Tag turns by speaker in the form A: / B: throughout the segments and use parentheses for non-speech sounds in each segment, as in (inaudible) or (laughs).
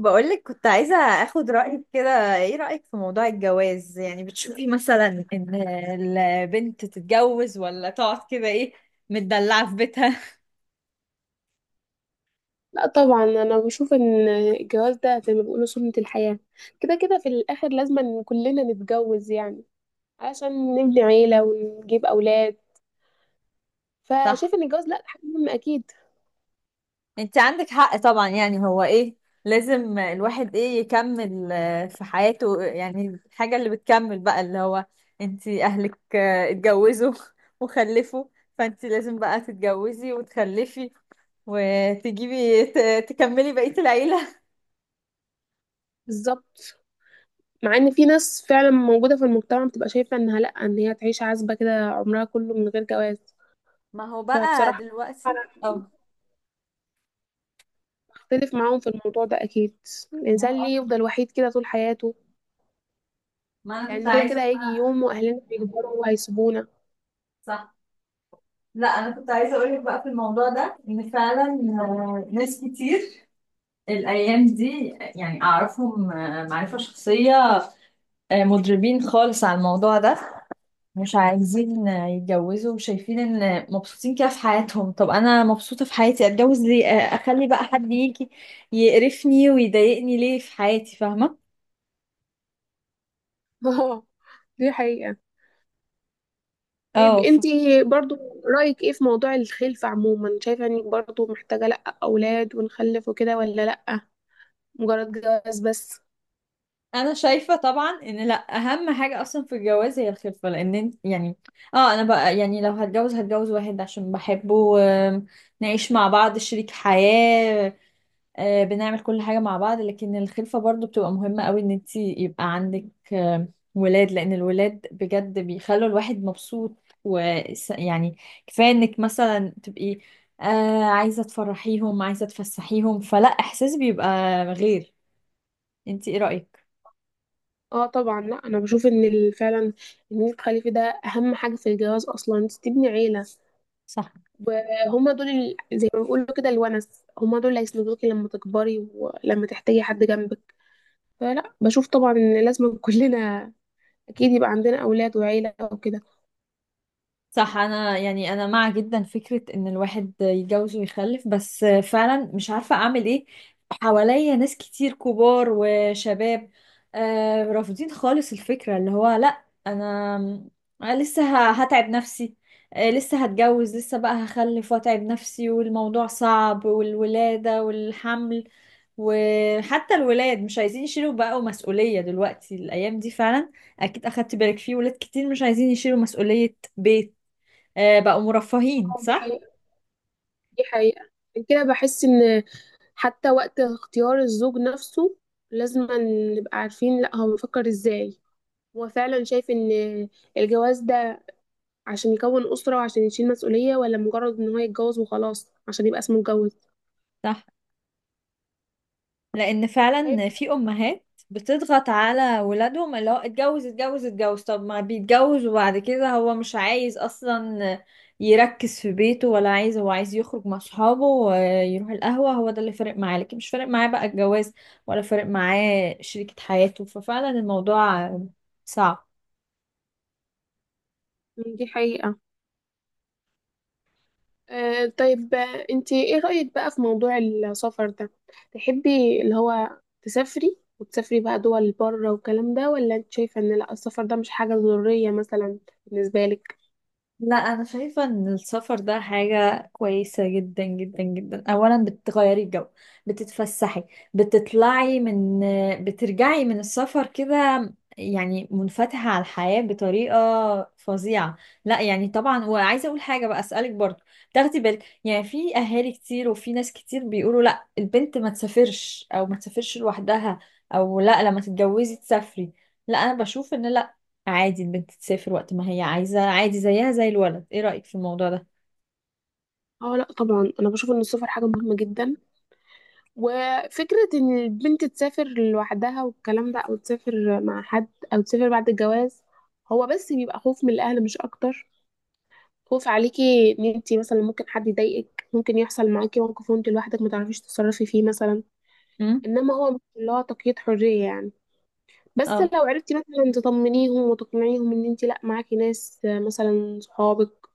A: بقولك، كنت عايزة اخد رأيك. كده ايه رأيك في موضوع الجواز؟ يعني بتشوفي مثلا ان البنت تتجوز ولا تقعد كده ايه متدلعة في بيتها؟
B: لا طبعا، انا بشوف ان الجواز ده زي ما بيقولوا سنة الحياة. كده كده في الاخر لازم إن كلنا نتجوز، يعني عشان نبني عيلة ونجيب اولاد.
A: (laughs) صح.
B: فشايف ان الجواز لا، حاجة مهمة اكيد.
A: انت عندك حق طبعا. يعني هو ايه، لازم الواحد ايه يكمل في حياته. يعني الحاجة اللي بتكمل بقى اللي هو انت اهلك اتجوزوا (laughs) وخلفوا. فانت لازم بقى تتجوزي وتخلفي وتجيبي تكملي بقية العيلة.
B: بالظبط. مع ان في ناس فعلا موجودة في المجتمع بتبقى شايفة انها لا، ان هي تعيش عزبة كده عمرها كله من غير جواز.
A: ما هو بقى
B: فبصراحة
A: دلوقتي.
B: انا
A: اه.
B: بختلف معاهم في الموضوع ده اكيد.
A: ما
B: الانسان
A: هو،
B: ليه يفضل وحيد كده طول حياته؟
A: ما انا كنت
B: لان كده
A: عايزه.
B: كده هيجي يوم واهلنا هيكبروا وهيسيبونا.
A: صح. لا انا كنت عايزه اقول لك بقى في الموضوع ده ان فعلا ناس كتير الايام دي، يعني اعرفهم معرفه شخصيه. مضربين خالص على الموضوع ده، مش عايزين يتجوزوا، وشايفين ان مبسوطين كده في حياتهم. طب انا مبسوطه في حياتي، اتجوز ليه؟ اخلي بقى حد يجي يقرفني ويضايقني ليه في حياتي؟ فاهمه؟
B: (laughs) اه، دي حقيقة. طيب
A: اه.
B: انتي برضو رأيك ايه في موضوع الخلفة عموما؟ شايفة انك برضو محتاجة لأ أولاد ونخلف وكده، ولا لأ مجرد جواز بس؟
A: انا شايفه طبعا ان لا، اهم حاجه اصلا في الجواز هي الخلفه، لان يعني اه. انا بقى يعني لو هتجوز هتجوز واحد عشان بحبه، نعيش مع بعض شريك حياه. بنعمل كل حاجه مع بعض، لكن الخلفه برضو بتبقى مهمه قوي ان انت يبقى عندك ولاد، لان الولاد بجد بيخلوا الواحد مبسوط. ويعني كفايه انك مثلا تبقي عايزه تفرحيهم، عايزه تفسحيهم. فلا، احساس بيبقى غير. انت ايه رايك؟
B: اه طبعا لأ، انا بشوف ان فعلا ان انت تخلفي ده اهم حاجة في الجواز، اصلا انت تبني عيلة.
A: صح.
B: وهما دول زي ما بيقولوا كده الونس، هما دول اللي هيسندوكي لما تكبري ولما تحتاجي حد جنبك. فلا بشوف طبعا ان لازم (laughs) كلنا اكيد يبقى عندنا اولاد وعيلة وكده.
A: صح، انا يعني انا مع جدا فكرة ان الواحد يتجوز ويخلف، بس فعلا مش عارفة اعمل ايه. حواليا ناس كتير كبار وشباب رافضين خالص الفكرة، اللي هو لا أنا لسه هتعب نفسي. لسه هتجوز، لسه بقى هخلف واتعب نفسي، والموضوع صعب والولادة والحمل. وحتى الولاد مش عايزين يشيلوا بقوا مسؤولية دلوقتي الايام دي فعلا. اكيد اخدت بالك فيه ولاد كتير مش عايزين يشيلوا مسؤولية بيت. بقوا مرفهين.
B: اه دي
A: صح.
B: حقيقة، دي حقيقة. كده بحس ان حتى وقت اختيار الزوج نفسه لازم نبقى عارفين، لا هو بيفكر ازاي؟ هو فعلا شايف ان الجواز ده عشان يكون أسرة وعشان يشيل مسؤولية، ولا مجرد ان هو يتجوز وخلاص عشان يبقى اسمه اتجوز؟
A: صح. لان
B: طيب.
A: فعلا في امهات بتضغط على ولادهم، اللي هو اتجوز اتجوز اتجوز. طب ما بيتجوز وبعد كده هو مش عايز اصلا يركز في بيته. ولا عايز، هو عايز يخرج مع صحابه ويروح القهوة. هو ده اللي فارق معاه، لكن مش فارق معاه بقى الجواز ولا فارق معاه شريكة حياته. ففعلا الموضوع صعب.
B: دي حقيقة. انتي ايه رأيك بقى في موضوع السفر ده؟ تحبي اللي هو تسافري وتسافري بقى دول بره والكلام ده، ولا انت شايفة ان لا السفر ده مش حاجة ضرورية مثلا بالنسبة لك؟
A: لا انا شايفه ان السفر ده حاجه كويسه جدا جدا جدا. اولا بتغيري الجو، بتتفسحي، بتطلعي من، بترجعي من السفر كده يعني منفتحه على الحياه بطريقه فظيعه. لا يعني طبعا، وعايزه اقول حاجه بقى اسالك برضو. تاخدي بالك، يعني في اهالي كتير وفي ناس كتير بيقولوا لا البنت ما تسافرش، او ما تسافرش لوحدها، او لا لما تتجوزي تسافري. لا انا بشوف ان لا، عادي البنت تسافر وقت ما هي عايزة، عادي زيها زي الولد. ايه رأيك في الموضوع ده؟
B: اه لا طبعا، انا بشوف ان السفر حاجة مهمة جدا. وفكرة إن البنت تسافر لوحدها والكلام ده، أو تسافر مع حد، أو تسافر بعد الجواز، هو بس بيبقى خوف من الأهل مش أكتر. خوف عليكي إن انتي مثلا ممكن حد يضايقك، ممكن يحصل معاكي موقف وانتي لوحدك متعرفيش تتصرفي فيه مثلا.
A: امم.
B: إنما هو مش اللي هو تقييد حرية يعني. بس
A: اه.
B: لو عرفتي مثلا تطمنيهم وتقنعيهم إن انتي لأ معاكي ناس، مثلا صحابك،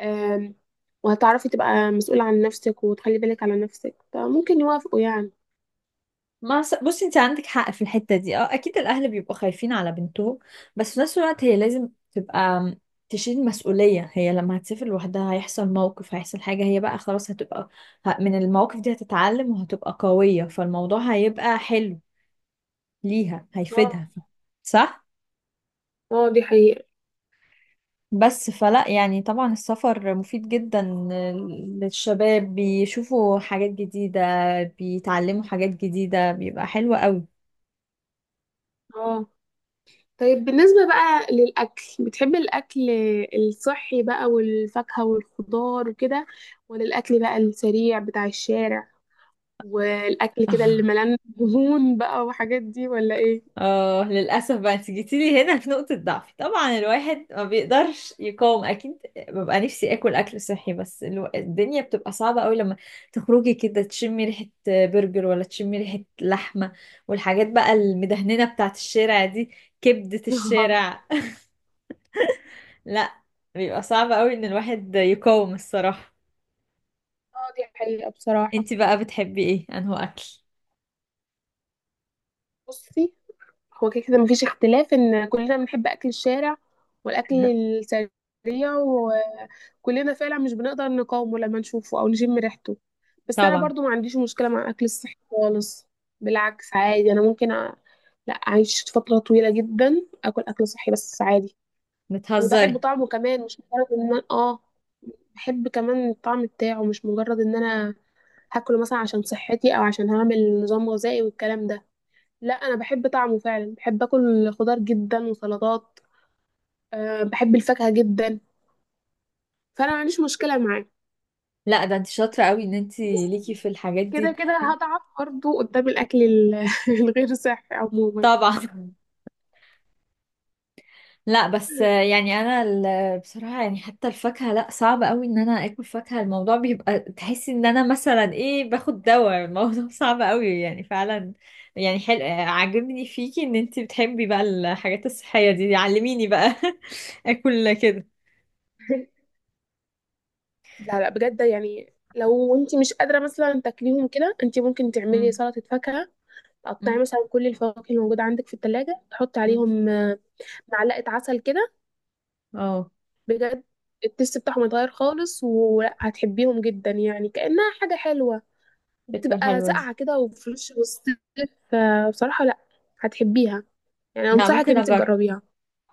B: آم، وهتعرفي تبقى مسؤولة عن نفسك وتخلي بالك على نفسك، فممكن يوافقوا يعني.
A: ما س- بصي انت عندك حق في الحتة دي. اه، اكيد الاهل بيبقوا خايفين على بنتهم. بس في نفس الوقت هي لازم تبقى تشيل مسؤولية. هي لما هتسافر لوحدها هيحصل موقف، هيحصل حاجة. هي بقى خلاص هتبقى من المواقف دي هتتعلم وهتبقى قوية. فالموضوع هيبقى حلو ليها،
B: اه.
A: هيفيدها. صح.
B: اه دي حقيقة.
A: بس فلا يعني طبعا السفر مفيد جدا للشباب، بيشوفوا حاجات جديدة، بيتعلموا حاجات جديدة، بيبقى حلو قوي.
B: اه طيب، بالنسبة بقى للأكل، بتحب الأكل الصحي بقى والفاكهة والخضار وكده، ولا الأكل بقى السريع بتاع الشارع، والأكل كده اللي
A: (laughs)
B: ملان دهون بقى وحاجات دي، ولا إيه؟
A: اه للأسف بقى انت جيتيلي هنا في نقطة ضعفي، طبعا الواحد ما بيقدرش يقاوم أكيد. ببقى نفسي آكل أكل صحي، بس الدنيا بتبقى صعبة قوي لما تخرجي كده تشمي ريحة برجر ولا تشمي ريحة لحمة والحاجات بقى المدهننة بتاعت الشارع دي، كبدة
B: (laughs) اه
A: الشارع. لا بيبقى صعب قوي ان الواحد يقاوم الصراحة.
B: دي حقيقة بصراحة.
A: انت بقى بتحبي ايه انه اكل؟
B: بصي، هو كده كده مفيش اختلاف إن كلنا بنحب أكل الشارع والأكل السريع. كلنا فعلا مش بنقدر نقاومه لما نشوفه او نشم ريحته. بس انا
A: طبعا.
B: برضو ما عنديش مشكله مع اكل الصحي خالص. بالعكس عادي، انا ممكن لا، اعيش فتره طويله جدا اكل اكل صحي بس عادي. وبحب
A: بتهزري؟
B: طعمه كمان، مش مجرد ان انا بحب كمان الطعم بتاعه، مش مجرد ان انا هاكله مثلا عشان صحتي او عشان هعمل نظام غذائي والكلام ده. لا انا بحب طعمه فعلا، بحب اكل خضار جدا وسلطات. أه بحب الفاكهه جدا. فانا ما عنديش مشكله معاه.
A: لا ده انت شاطرة قوي ان انت ليكي في الحاجات
B: كده
A: دي.
B: كده هضعف برضه قدام الأكل (laughs) الغير صحي عموما.
A: طبعا (laughs) لا بس يعني انا بصراحة يعني حتى الفاكهة، لا صعب قوي ان انا اكل فاكهة. الموضوع بيبقى تحسي ان انا مثلا ايه باخد دواء. الموضوع (laughs) صعب قوي يعني فعلا. يعني حلو عاجبني فيكي ان انت بتحبي بقى الحاجات الصحية دي. علميني بقى (laughs) اكل كده.
B: لا لا بجد يعني، لو انت مش قادرة مثلا تاكليهم كده، انت ممكن تعملي
A: مم.
B: سلطة فاكهة. تقطعي مثلا كل الفواكه الموجودة عندك في التلاجة، تحطي
A: مم.
B: عليهم معلقة عسل كده.
A: اه
B: بجد التست بتاعهم يتغير خالص وهتحبيهم جدا، يعني كأنها حاجة حلوة
A: فكرة
B: بتبقى
A: حلوة دي.
B: ساقعة كده وفريش وسط. فبصراحة لا، هتحبيها. يعني
A: لا
B: أنصحك إن
A: ممكن
B: انت
A: اجرب.
B: تجربيها.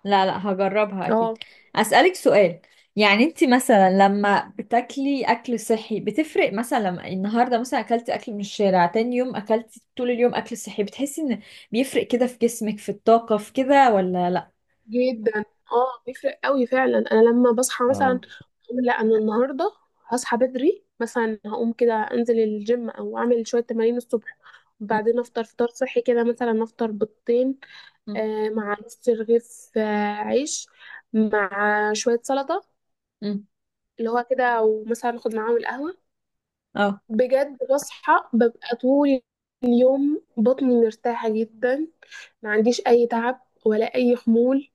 A: لا لا هجربها اكيد.
B: اه
A: اسألك سؤال. يعني انت مثلا لما بتاكلي اكل صحي بتفرق؟ مثلا لما النهارده مثلا اكلتي اكل من الشارع، تاني يوم اكلتي طول اليوم اكل صحي، بتحسي ان بيفرق كده في جسمك، في الطاقة، في كده ولا لا؟
B: جدا. اه بيفرق قوي فعلا. انا لما بصحى مثلا
A: اه.
B: أقول لا انا النهارده هصحى بدري مثلا، هقوم كده انزل الجيم او اعمل شويه تمارين الصبح، وبعدين
A: م-
B: افطر فطار صحي كده، مثلا افطر بيضتين
A: م-
B: مع نص رغيف عيش، مع شويه سلطه
A: م.
B: اللي هو كده، ومثلا اخد معاهم القهوه.
A: اه.
B: بجد بصحى، ببقى طول اليوم بطني مرتاحه جدا، ما عنديش اي تعب ولا اي خمول.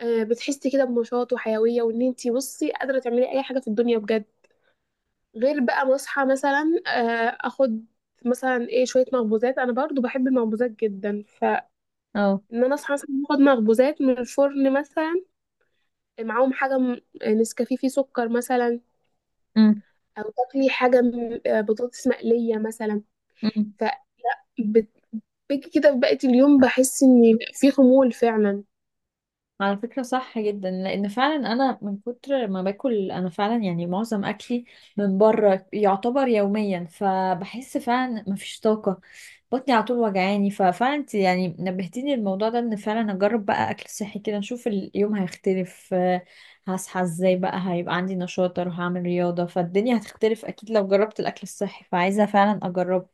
B: بتحسي كده بنشاط وحيوية، وان انتي بصي قادرة تعملي اي حاجة في الدنيا بجد. غير بقى ما اصحى مثلا اخد مثلا ايه شوية مخبوزات، انا برضو بحب المخبوزات جدا، فان
A: اه.
B: انا اصحى مثلا اخد مخبوزات من الفرن مثلا، معاهم حاجة نسكافيه فيه سكر مثلا،
A: م-
B: او تاكلي حاجة بطاطس مقلية مثلا.
A: م.
B: فبتبقي كده في بقية اليوم بحس ان في خمول فعلا.
A: على فكرة صح جدا، لأن فعلا أنا من كتر ما باكل، أنا فعلا يعني معظم أكلي من بره يعتبر يوميا، فبحس فعلا مفيش طاقة. بطني على طول وجعاني. ففعلا انت يعني نبهتيني الموضوع ده إن فعلا أجرب بقى أكل صحي كده نشوف اليوم هيختلف. هصحى ازاي بقى، هيبقى عندي نشاط، أروح أعمل رياضة، فالدنيا هتختلف أكيد لو جربت الأكل الصحي. فعايزة فعلا أجربه.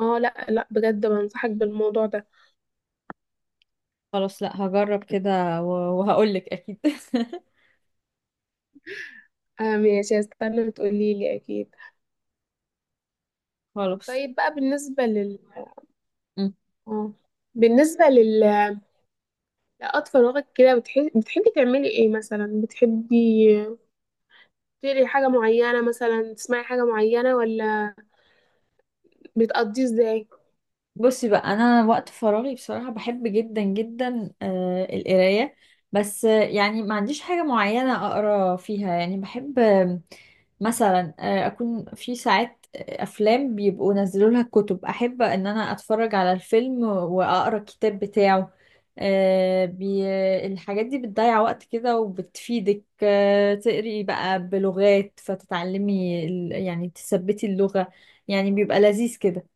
B: اه لا لا بجد، بنصحك بالموضوع ده.
A: خلاص لأ، هجرب كده وهقولك أكيد (laughs)
B: آه ماشي، هستنى تقولي لي اكيد.
A: خلاص.
B: طيب بقى بالنسبة لل اه بالنسبة لل- لأطفال، وقت كده بتحبي تعملي ايه مثلا؟ بتحبي تقري حاجة معينة مثلا، تسمعي حاجة معينة، ولا بتقضيه ازاي؟
A: بصي بقى، انا وقت فراغي بصراحه بحب جدا جدا القرايه. بس يعني ما عنديش حاجه معينه اقرا فيها، يعني بحب مثلا اكون في ساعات افلام بيبقوا نزلوا لها كتب، احب ان انا اتفرج على الفيلم واقرا الكتاب بتاعه. آه، بي... الحاجات دي بتضيع وقت كده وبتفيدك تقري بقى بلغات، فتتعلمي يعني تثبتي اللغه يعني بيبقى لذيذ كده.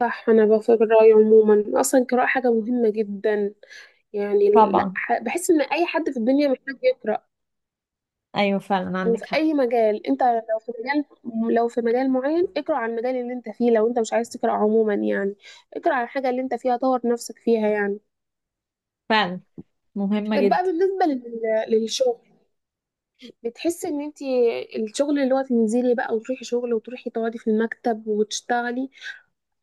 B: صح، انا بفكر رأيي عموما اصلا القراءة حاجة مهمة جدا. يعني لا
A: طبعا.
B: بحس ان اي حد في الدنيا محتاج يقرأ.
A: ايوه فعلا عندك
B: وفي
A: حق.
B: اي مجال انت، لو في مجال، لو في مجال معين اقرأ عن المجال اللي انت فيه. لو انت مش عايز تقرأ عموما يعني، اقرأ عن الحاجة اللي انت فيها، طور نفسك فيها يعني.
A: فعلا مهمة
B: طب
A: جدا.
B: بقى بالنسبة للشغل، بتحسي ان انت الشغل اللي هو تنزلي بقى وتروحي شغل وتروحي تقعدي في المكتب وتشتغلي،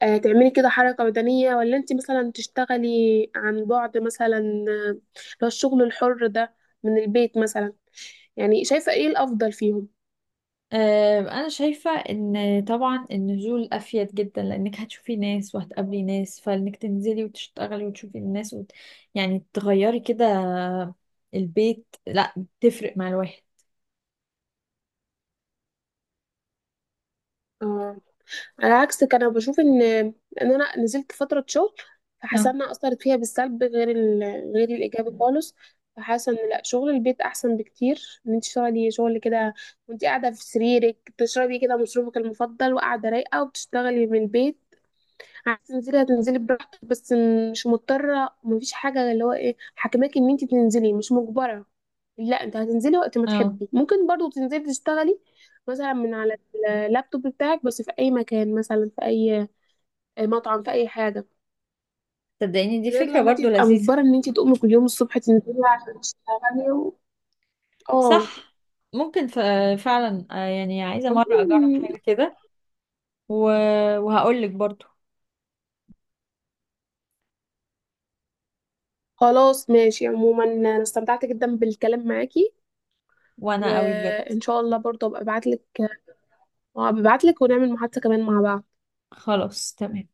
B: آه تعملي كده حركة بدنية، ولا انت مثلا تشتغلي عن بعد مثلا، اللي هو الشغل الحر ده، من البيت مثلا؟ يعني شايفة ايه الأفضل فيهم؟
A: انا شايفة ان طبعا النزول افيد جدا، لانك هتشوفي ناس وهتقابلي ناس، فانك تنزلي وتشتغلي وتشوفي الناس يعني تغيري كده البيت. لا، تفرق مع الواحد.
B: آه. على عكس كان أنا بشوف ان ان انا نزلت فتره شغل، فحاسه
A: اه.
B: انها اثرت فيها بالسلب غير غير الايجابي خالص. فحاسه ان لا، شغل البيت احسن بكتير. ان انت تشتغلي شغل كده وانت قاعده في سريرك، تشربي كده مشروبك المفضل وقاعده رايقه وبتشتغلي من البيت. هتنزلي براحتك، بس مش مضطرة، مفيش حاجة اللي هو ايه حاكماكي ان انت تنزلي، مش مجبرة. لا انت هتنزلي وقت ما
A: اه
B: تحبي. ممكن برضو تنزلي تشتغلي مثلا من على اللابتوب بتاعك بس في اي مكان، مثلا في اي مطعم، في اي حاجة.
A: صدقيني دي
B: غير
A: فكرة
B: لما انت
A: برضو
B: تبقى
A: لذيذة.
B: مجبرة ان انت تقومي كل يوم الصبح تنزلي عشان تشتغلي اه.
A: صح ممكن فعلا يعني عايزة مرة اجرب
B: عموماً،
A: حاجة كده و... وهقولك برضو.
B: خلاص ماشي. عموما انا استمتعت جدا بالكلام معاكي.
A: وانا قوي بجد.
B: وان شاء الله برضو ابقى ابعتلك ونعمل محادثة كمان مع بعض.
A: خلاص تمام.